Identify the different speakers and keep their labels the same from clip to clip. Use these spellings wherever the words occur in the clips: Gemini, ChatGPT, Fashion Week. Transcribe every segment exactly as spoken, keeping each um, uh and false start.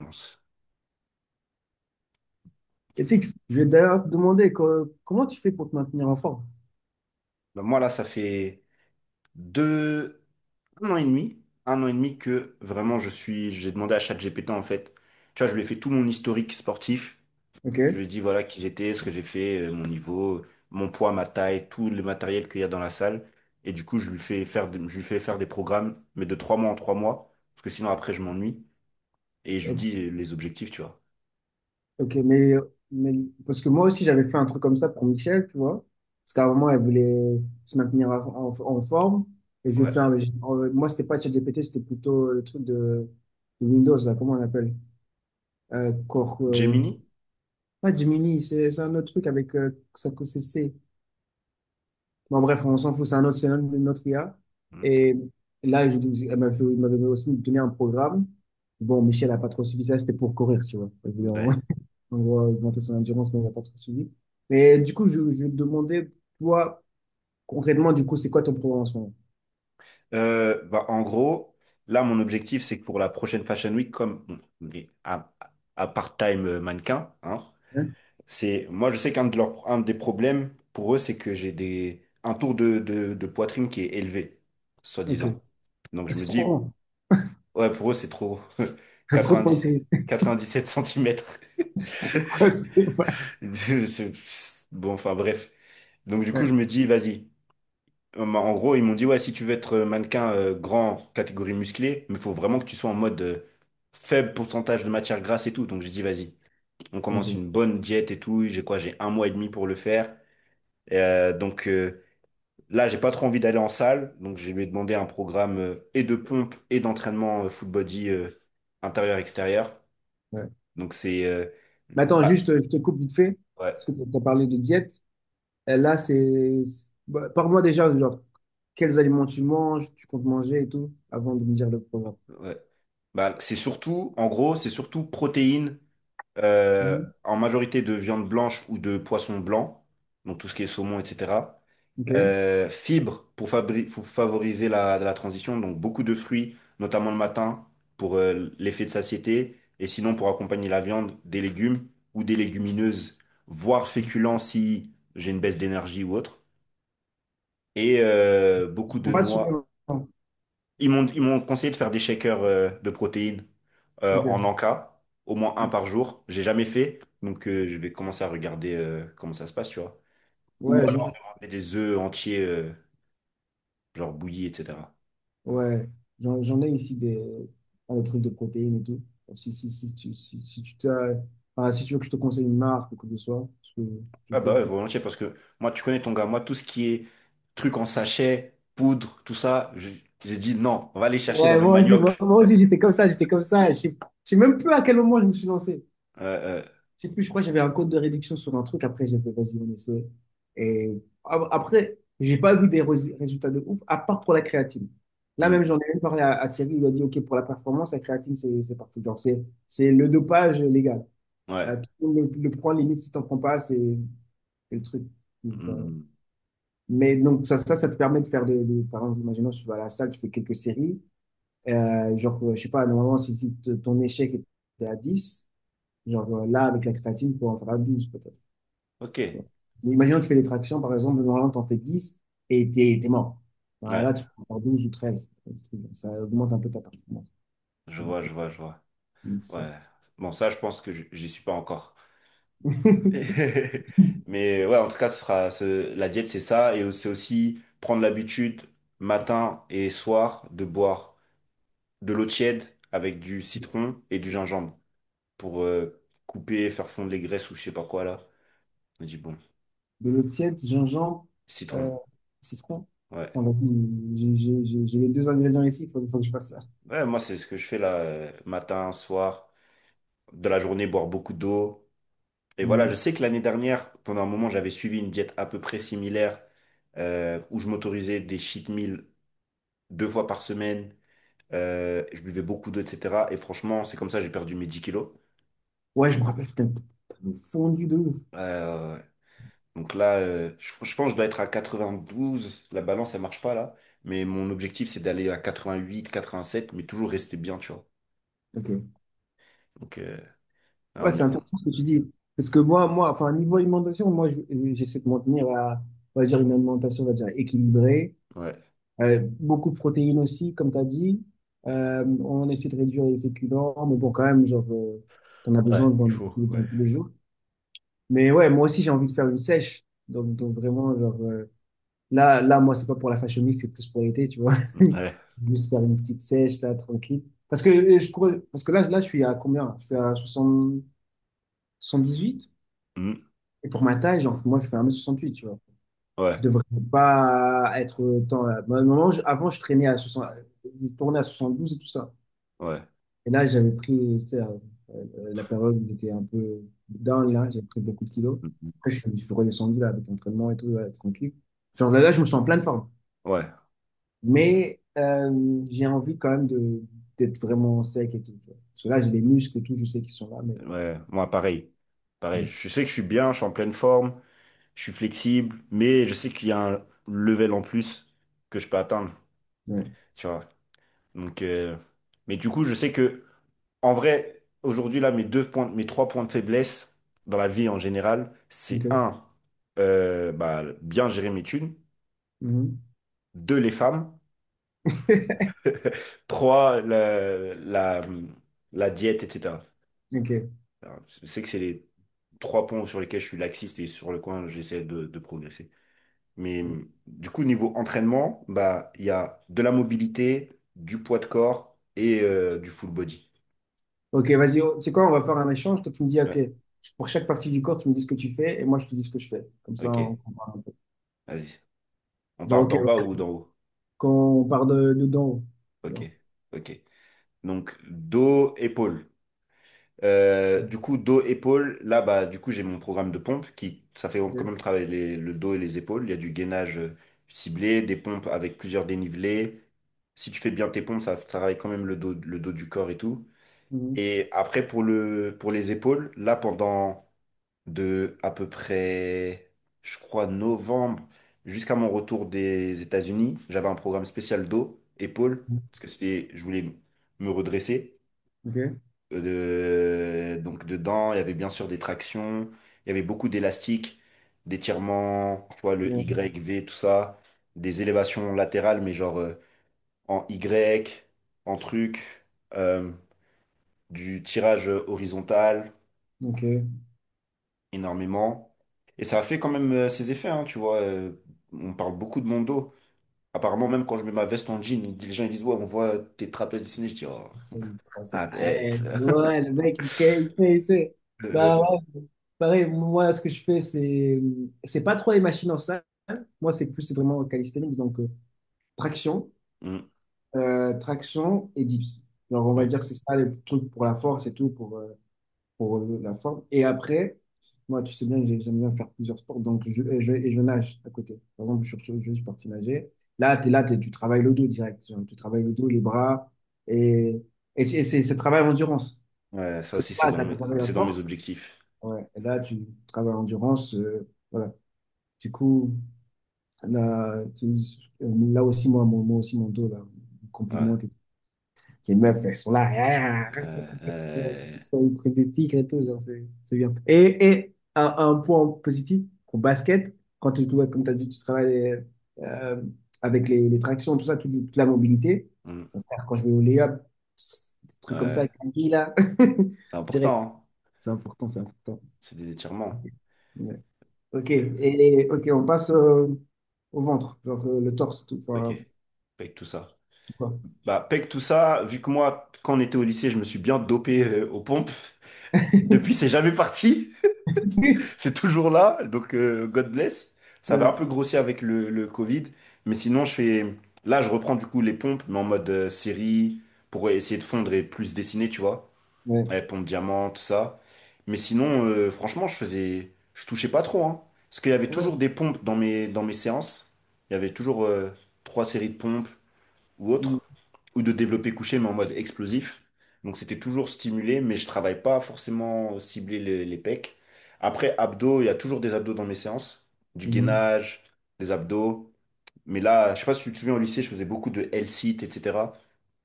Speaker 1: Mince. Ok.
Speaker 2: Et fixe, je vais d'ailleurs te demander co- comment tu fais pour te maintenir en forme.
Speaker 1: Ben, moi, là, ça fait deux, un an et demi, un an et demi que vraiment je suis, j'ai demandé à ChatGPT en fait. Tu vois, je lui ai fait tout mon historique sportif.
Speaker 2: Ok,
Speaker 1: Je lui ai dit voilà qui j'étais, ce que j'ai fait, euh, mon niveau, mon poids, ma taille, tout le matériel qu'il y a dans la salle. Et du coup, je lui fais faire, des- je lui fais faire des programmes, mais de trois mois en trois mois, parce que sinon après je m'ennuie. Et je lui
Speaker 2: ok,
Speaker 1: dis les objectifs, tu vois.
Speaker 2: ok, mais, mais parce que moi aussi j'avais fait un truc comme ça pour Michel, tu vois, parce qu'à un moment elle voulait se maintenir en, en- en forme et je vais
Speaker 1: Ouais.
Speaker 2: faire le, euh, moi c'était pas ChatGPT, c'était plutôt le truc de, de Windows là, comment on l'appelle? Euh, Core, euh,
Speaker 1: Gemini?
Speaker 2: pas Gemini, c'est c'est un autre truc avec euh, ça que c'est. Bon, bref, on s'en fout, c'est un autre, c'est une autre I A.
Speaker 1: Hmm.
Speaker 2: Et là, je- elle m'avait fait- elle m'avait aussi donné un programme. Bon, Michel n'a pas trop suivi ça, c'était pour courir, tu vois. Elle voulait en,
Speaker 1: Ouais.
Speaker 2: en gros augmenter son endurance, mais elle n'a pas trop suivi. Mais du coup, je, je vais te demander, toi, concrètement, du coup, c'est quoi ton programme en ce moment?
Speaker 1: Euh, bah, en gros, là, mon objectif, c'est que pour la prochaine Fashion Week, comme bon, mais à, à part-time euh, mannequin, hein,
Speaker 2: Hein.
Speaker 1: c'est moi, je sais qu'un de leurs, un des problèmes pour eux, c'est que j'ai des un tour de, de, de poitrine qui est élevé,
Speaker 2: Ok.
Speaker 1: soi-disant. Donc
Speaker 2: Ah,
Speaker 1: je
Speaker 2: c'est
Speaker 1: me
Speaker 2: trop
Speaker 1: dis,
Speaker 2: grand.
Speaker 1: ouais, pour eux, c'est trop.
Speaker 2: Trop de
Speaker 1: quatre-vingt-dix,
Speaker 2: pensées.
Speaker 1: quatre-vingt-dix-sept centimètres.
Speaker 2: Quoi, c'est pas-
Speaker 1: Bon, enfin bref. Donc du coup, je
Speaker 2: ouais.
Speaker 1: me dis, vas-y. Euh, bah, En gros, ils m'ont dit, ouais, si tu veux être euh, mannequin euh, grand, catégorie musclée, mais il faut vraiment que tu sois en mode euh, faible pourcentage de matière grasse et tout. Donc j'ai dit, vas-y, on
Speaker 2: Donc,
Speaker 1: commence
Speaker 2: bon,
Speaker 1: une bonne diète et tout. J'ai quoi? J'ai un mois et demi pour le faire. Et, euh, donc euh, là, j'ai pas trop envie d'aller en salle. Donc je lui ai demandé un programme euh, et de pompe et d'entraînement euh, full body euh, intérieur-extérieur.
Speaker 2: ouais.
Speaker 1: Donc c'est... euh,
Speaker 2: Mais attends,
Speaker 1: Bah,
Speaker 2: juste, je te coupe vite fait,
Speaker 1: ouais,
Speaker 2: parce que tu as parlé de diète. Et là, c'est... c'est- bah, parle-moi déjà, genre, quels aliments tu manges, tu comptes manger et tout, avant de me dire le programme.
Speaker 1: ouais. Bah, c'est surtout, en gros, c'est surtout protéines euh,
Speaker 2: Mhm.
Speaker 1: en majorité de viande blanche ou de poisson blanc, donc tout ce qui est saumon, et cetera.
Speaker 2: Ok.
Speaker 1: Euh, fibres pour, fabri- pour favoriser la, la transition, donc beaucoup de fruits, notamment le matin, pour euh, l'effet de satiété, et sinon pour accompagner la viande, des légumes ou des légumineuses, voire féculents si j'ai une baisse d'énergie ou autre. Et euh, beaucoup
Speaker 2: Tu
Speaker 1: de
Speaker 2: prends pas de suppléments.
Speaker 1: noix. Ils m'ont ils m'ont conseillé de faire des shakers euh, de protéines euh,
Speaker 2: Ok.
Speaker 1: en Anka, au moins un par jour. J'ai jamais fait, donc euh, je vais commencer à regarder euh, comment ça se passe, tu vois.
Speaker 2: Ouais,
Speaker 1: Ou
Speaker 2: j'en
Speaker 1: alors demander des œufs entiers, euh, genre bouillis, et cetera.
Speaker 2: ouais, j'en, j'en ai ici des, euh, des trucs de protéines et tout. Enfin, Si, si, si, tu- si, si, tu t'as- enfin, si tu veux que je te conseille une marque ou quoi que ce soit, parce que je
Speaker 1: Ah
Speaker 2: fais...
Speaker 1: bah ouais, volontiers, parce que moi, tu connais ton gars, moi, tout ce qui est truc en sachet, poudre, tout ça, je- j'ai dit non, on va aller chercher dans
Speaker 2: Ouais,
Speaker 1: le
Speaker 2: moi aussi, moi,
Speaker 1: manioc.
Speaker 2: moi aussi j'étais comme ça, j'étais comme ça. Je sais je sais même plus à quel moment je me suis lancé.
Speaker 1: Euh, euh,
Speaker 2: Je sais plus, je crois que j'avais un code de réduction sur un truc. Après, j'ai fait, vas-y, on essaie. Et a- après, j'ai pas vu des rés- résultats de ouf, à part pour la créatine. Là
Speaker 1: hmm,
Speaker 2: même, j'en ai même parlé à, à Thierry. Il lui a dit, OK, pour la performance, la créatine, c'est c'est parfait. Genre, c'est c'est le dopage légal. Là,
Speaker 1: ouais.
Speaker 2: tout le monde le, le prend, limite, si t'en prends pas, c'est c'est le truc. Donc, euh,
Speaker 1: Hmm,
Speaker 2: mais donc, ça, ça, ça te permet de faire des, des- par exemple, imaginons, tu vas à la salle, tu fais quelques séries. Euh, genre, euh, je sais pas, normalement, si, si t- ton échec était à dix, genre euh, là, avec la créatine, tu peux en faire à douze peut-être, tu
Speaker 1: ok.
Speaker 2: vois. Imaginons, tu fais des tractions, par exemple, normalement, tu en fais dix et t'es, t'es mort. Bah,
Speaker 1: Ouais,
Speaker 2: là, tu peux en faire douze ou treize. Des trucs comme ça augmente un peu ta performance.
Speaker 1: je
Speaker 2: Donc,
Speaker 1: vois,
Speaker 2: euh,
Speaker 1: je vois, je vois.
Speaker 2: donc ça.
Speaker 1: Ouais. Bon, ça, je pense que je- j'y suis pas encore. Mais ouais, en tout cas, ce sera, ce- la diète, c'est ça. Et c'est aussi prendre l'habitude, matin et soir, de boire de l'eau tiède avec du citron et du gingembre pour euh, couper, faire fondre les graisses ou je sais pas quoi là. On dit bon,
Speaker 2: De l'eau tiède, gingembre, euh,
Speaker 1: citron.
Speaker 2: citron.
Speaker 1: Ouais.
Speaker 2: Attends, vas-y, j'ai j'ai- j'ai- j'ai les deux ingrédients ici, il faut, faut que je fasse ça.
Speaker 1: Ouais, moi, c'est ce que je fais là, euh, matin, soir, de la journée, boire beaucoup d'eau. Et voilà, je
Speaker 2: Hum.
Speaker 1: sais que l'année dernière, pendant un moment, j'avais suivi une diète à peu près similaire euh, où je m'autorisais des cheat meals deux fois par semaine. Euh, je buvais beaucoup d'eau, et cetera. Et franchement, c'est comme ça, que j'ai perdu mes dix kilos.
Speaker 2: Ouais, je me rappelle, putain, t'as t'as fondu de ouf.
Speaker 1: Euh, donc là, euh, je, je pense que je dois être à quatre-vingt-douze. La balance, elle marche pas là. Mais mon objectif, c'est d'aller à quatre-vingt-huit, quatre-vingt-sept, mais toujours rester bien, tu vois.
Speaker 2: Ok.
Speaker 1: Donc, euh,
Speaker 2: Ouais,
Speaker 1: on
Speaker 2: c'est
Speaker 1: est, on-
Speaker 2: intéressant ce que tu dis. Parce que moi, moi, enfin, niveau alimentation, moi, je- j'essaie de maintenir à, on va dire, une alimentation, on va dire, équilibrée.
Speaker 1: ouais.
Speaker 2: Euh, beaucoup de protéines aussi, comme tu as dit. Euh, on essaie de réduire les féculents, mais bon, quand même, genre, euh, t'en as besoin
Speaker 1: Ouais,
Speaker 2: dans,
Speaker 1: il faut,
Speaker 2: tous dans
Speaker 1: ouais.
Speaker 2: tous les jours. Mais ouais, moi aussi, j'ai envie de faire une sèche. Donc, donc vraiment, genre, euh, là, là, moi, c'est pas pour la fashion week, c'est plus pour l'été, tu vois.
Speaker 1: Mm, ouais.
Speaker 2: Juste faire une petite sèche, là, tranquille. Parce que, euh, je cours- parce que là, là, je suis à combien? Je suis à soixante-dix, soixante-dix-huit.
Speaker 1: Mm,
Speaker 2: Et pour ma taille, genre, moi, je fais un mètre soixante-huit, tu vois. Je
Speaker 1: ouais,
Speaker 2: devrais pas être autant là. Moi, à un moment, je- avant, je traînais à soixante, je tournais à soixante-douze et tout ça.
Speaker 1: ouais.
Speaker 2: Et là, j'avais pris, tu sais, euh, euh, la période où j'étais un peu down, là, j'ai pris beaucoup de kilos.
Speaker 1: Mm, mm.
Speaker 2: Après, je, suis je suis redescendu, là, avec l'entraînement et tout, là, tranquille. Genre, là, là, je me sens en pleine forme.
Speaker 1: Ouais,
Speaker 2: Mais euh, j'ai envie quand même de d'être vraiment sec et tout, tu vois. Parce que là, j'ai les muscles et tout, je sais qu'ils sont là, mais...
Speaker 1: ouais. Moi, pareil. Pareil.
Speaker 2: Mm.
Speaker 1: Je sais que je suis bien, je suis en pleine forme, je suis flexible, mais je sais qu'il y a un level en plus que je peux atteindre,
Speaker 2: Ouais.
Speaker 1: tu vois. Donc, euh, mais du coup, je sais que, en vrai, aujourd'hui, là, mes deux points, mes trois points de faiblesse dans la vie en général, c'est
Speaker 2: OK.
Speaker 1: un, euh, bah, bien gérer mes thunes,
Speaker 2: Mhm.
Speaker 1: deux, les femmes, trois, la, la, la diète, et cetera.
Speaker 2: OK.
Speaker 1: Alors, je sais que c'est les trois points sur lesquels je suis laxiste et sur le coin, j'essaie de, de progresser. Mais hum, du coup, niveau entraînement, bah, il y a de la mobilité, du poids de corps et euh, du full body.
Speaker 2: Ok, vas-y, oh, tu sais quoi, on va faire un échange. Toi, tu me dis, ok,
Speaker 1: Ouais,
Speaker 2: pour chaque partie du corps, tu me dis ce que tu fais et moi, je te dis ce que je fais. Comme ça,
Speaker 1: ok,
Speaker 2: on comprend un peu.
Speaker 1: vas-y. On
Speaker 2: Genre,
Speaker 1: part
Speaker 2: ok,
Speaker 1: d'en bas ou
Speaker 2: ouais.
Speaker 1: d'en haut?
Speaker 2: Quand on part de, de dents.
Speaker 1: Ok,
Speaker 2: Non.
Speaker 1: ok. Donc, dos, épaule. Euh,
Speaker 2: Ouais.
Speaker 1: du coup, dos, épaule, là, bah, du coup, j'ai mon programme de pompe qui, ça fait quand
Speaker 2: Ok.
Speaker 1: même travailler les- le dos et les épaules. Il y a du gainage euh, ciblé, des pompes avec plusieurs dénivelés. Si tu fais bien tes pompes, ça, ça travaille quand même le dos, le dos du corps et tout.
Speaker 2: Mhm.
Speaker 1: Et après, pour le, pour les épaules, là, pendant de à peu près, je crois, novembre jusqu'à mon retour des États-Unis. J'avais un programme spécial dos, épaules, parce que c'était, je voulais me redresser.
Speaker 2: Ok.
Speaker 1: Euh, de- donc dedans, il y avait bien sûr des tractions, il y avait beaucoup d'élastiques, d'étirements, tu vois, le
Speaker 2: Ouais.
Speaker 1: Y, V, tout ça, des élévations latérales, mais genre euh, en Y, en truc, euh, du tirage horizontal.
Speaker 2: Ok.
Speaker 1: Énormément. Et ça a fait quand même euh, ses effets, hein, tu vois. euh, on parle beaucoup de mon dos. Apparemment, même quand je mets ma veste en jean, ils- les gens ils disent, ouais, on voit tes trapèzes dessinés. Je dis, oh, arrête.
Speaker 2: Ouais, ouais, le mec, il il fait, il sait. Bah ouais, pareil, moi, ce que je fais, c'est c'est pas trop les machines en salle. Moi, c'est plus c'est vraiment calisthenics, donc euh, traction,
Speaker 1: Mm,
Speaker 2: euh, traction et dips. Alors, on va
Speaker 1: ouais.
Speaker 2: dire que c'est ça les trucs pour la force et tout, pour, euh, pour euh, la forme. Et après, moi, tu sais bien que j'ai- j'aime bien faire plusieurs sports, donc je, et je, et je nage à côté. Par exemple, je, suis- je suis parti nager. Là, t'es là, t'es- tu travailles le dos direct. Genre, tu travailles le dos, les bras, et, et, c'est c'est- c'est travail en endurance.
Speaker 1: Ouais,
Speaker 2: Parce
Speaker 1: ça
Speaker 2: que
Speaker 1: aussi, c'est
Speaker 2: là, tu
Speaker 1: dans
Speaker 2: as
Speaker 1: mes,
Speaker 2: travaillé la
Speaker 1: c'est dans mes
Speaker 2: force,
Speaker 1: objectifs.
Speaker 2: ouais. Et là, tu travailles l'endurance, euh, voilà. Du coup, là, tu- là aussi, moi, mon- moi aussi, mon dos, là,
Speaker 1: Ouais.
Speaker 2: compliment les meufs, elles sont là. Ah,
Speaker 1: Euh, euh,
Speaker 2: ils truc de tigre et tout, genre, c'est c'est bien. Et, et un, un point positif au basket, quand tu, ouais, comme tu as dit, tu travailles euh, avec les, les tractions, tout ça, toute, toute la mobilité.
Speaker 1: mm,
Speaker 2: Mon frère, quand je vais au layup, des trucs comme ça,
Speaker 1: ouais.
Speaker 2: avec la fille, là,
Speaker 1: C'est
Speaker 2: direct.
Speaker 1: important, hein.
Speaker 2: C'est important, c'est important.
Speaker 1: C'est des étirements.
Speaker 2: Ouais. Ok, et, ok, on passe euh, au ventre, genre euh, le torse, tout,
Speaker 1: Ok.
Speaker 2: enfin,
Speaker 1: Pec tout ça.
Speaker 2: tout quoi.
Speaker 1: Bah, pec tout ça, vu que moi, quand on était au lycée, je me suis bien dopé euh, aux pompes. Depuis, c'est jamais parti. C'est toujours là, donc euh, God bless. Ça va un
Speaker 2: Ouais,
Speaker 1: peu grossir avec le, le Covid, mais sinon je fais. Là, je reprends du coup les pompes, mais en mode euh, série, pour essayer de fondre et plus dessiner, tu vois.
Speaker 2: ouais.
Speaker 1: Euh, pompe diamant, tout ça. Mais sinon, euh, franchement, je faisais. Je touchais pas trop, hein. Parce qu'il y avait
Speaker 2: Ouais.
Speaker 1: toujours des pompes dans mes, dans mes séances. Il y avait toujours euh, trois séries de pompes ou autre, ou de développer couché, mais en mode explosif. Donc c'était toujours stimulé, mais je travaille pas forcément cibler les, les pecs. Après, abdos, il y a toujours des abdos dans mes séances, du
Speaker 2: Mhm.
Speaker 1: gainage, des abdos. Mais là, je sais pas si tu te souviens, au lycée, je faisais beaucoup de L-sit, et cetera.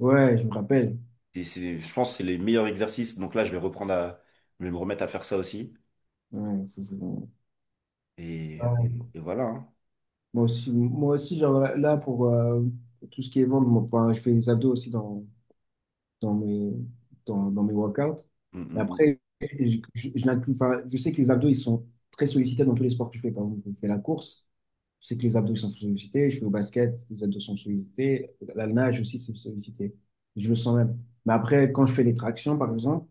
Speaker 2: Ouais, je me rappelle.
Speaker 1: Et c'est, je pense que c'est les meilleurs exercices. Donc là, je vais reprendre à, je vais me remettre à faire ça aussi.
Speaker 2: Ouais, ça, c'est bon.
Speaker 1: Et, et-
Speaker 2: Ouais.
Speaker 1: et voilà. Hein.
Speaker 2: Moi aussi, moi aussi, genre là, là, pour euh, tout ce qui est ventre, moi, enfin, je fais des abdos aussi dans, dans mes, dans, dans mes workouts.
Speaker 1: Mm,
Speaker 2: Mais
Speaker 1: mm,
Speaker 2: après, je, je, je l'inclus- enfin, je sais que les abdos, ils sont très sollicités dans tous les sports que je fais. Par exemple, je fais la course, je sais que les abdos ils sont sollicités. Je fais au basket, les abdos sont sollicités. La nage aussi, c'est sollicité. Je le sens même. Mais après, quand je fais les tractions, par exemple,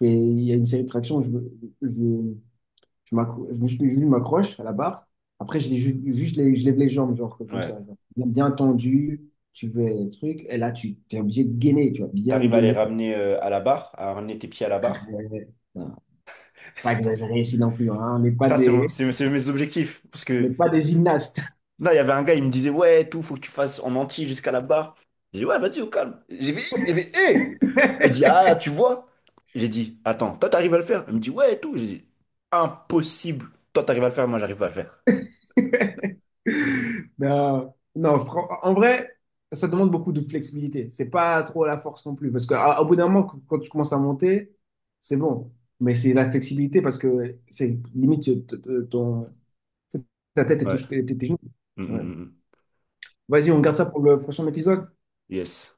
Speaker 2: je fais- il y a une série de tractions, je, je, Je m'accro- je me suis- je m'accroche à la barre. Après, je, l'ai ju- juste, les- je lève les jambes, genre
Speaker 1: mm.
Speaker 2: comme
Speaker 1: Ouais.
Speaker 2: ça, genre. Bien, bien tendu, tu veux truc. Et là, tu es obligé de gainer, tu vois, bien
Speaker 1: T'arrives à les
Speaker 2: gainer.
Speaker 1: ramener euh, à la barre, à ramener tes pieds à la barre.
Speaker 2: Euh, non, pas exagéré ici non plus, hein. On n'est pas
Speaker 1: Ça, c'est mon-
Speaker 2: des,
Speaker 1: c'est- c'est mes objectifs. Parce
Speaker 2: on
Speaker 1: que
Speaker 2: n'est pas des gymnastes.
Speaker 1: non, il y avait un gars, il me disait, ouais, tout, faut que tu fasses en entier jusqu'à la barre. J'ai dit, ouais, vas-y, au calme. J'ai vu il y avait, hé! Il dit, ah, tu vois? J'ai dit, attends, toi, t'arrives à le faire? Il me dit, ouais, tout. J'ai dit, impossible. Toi, t'arrives à le faire, moi, j'arrive pas à le faire.
Speaker 2: Non, non, fran- en vrai, ça demande beaucoup de flexibilité. C'est pas trop la force non plus. Parce qu'au bout d'un moment, qu- quand tu commences à monter, c'est bon. Mais c'est la flexibilité parce que c'est limite euh, t- t- ton, ta tête et
Speaker 1: Ouais.
Speaker 2: touche tes tes genoux.
Speaker 1: Mm,
Speaker 2: Ouais.
Speaker 1: mm,
Speaker 2: Vas-y,
Speaker 1: mm,
Speaker 2: on
Speaker 1: mm.
Speaker 2: garde ça pour le prochain épisode.
Speaker 1: Yes.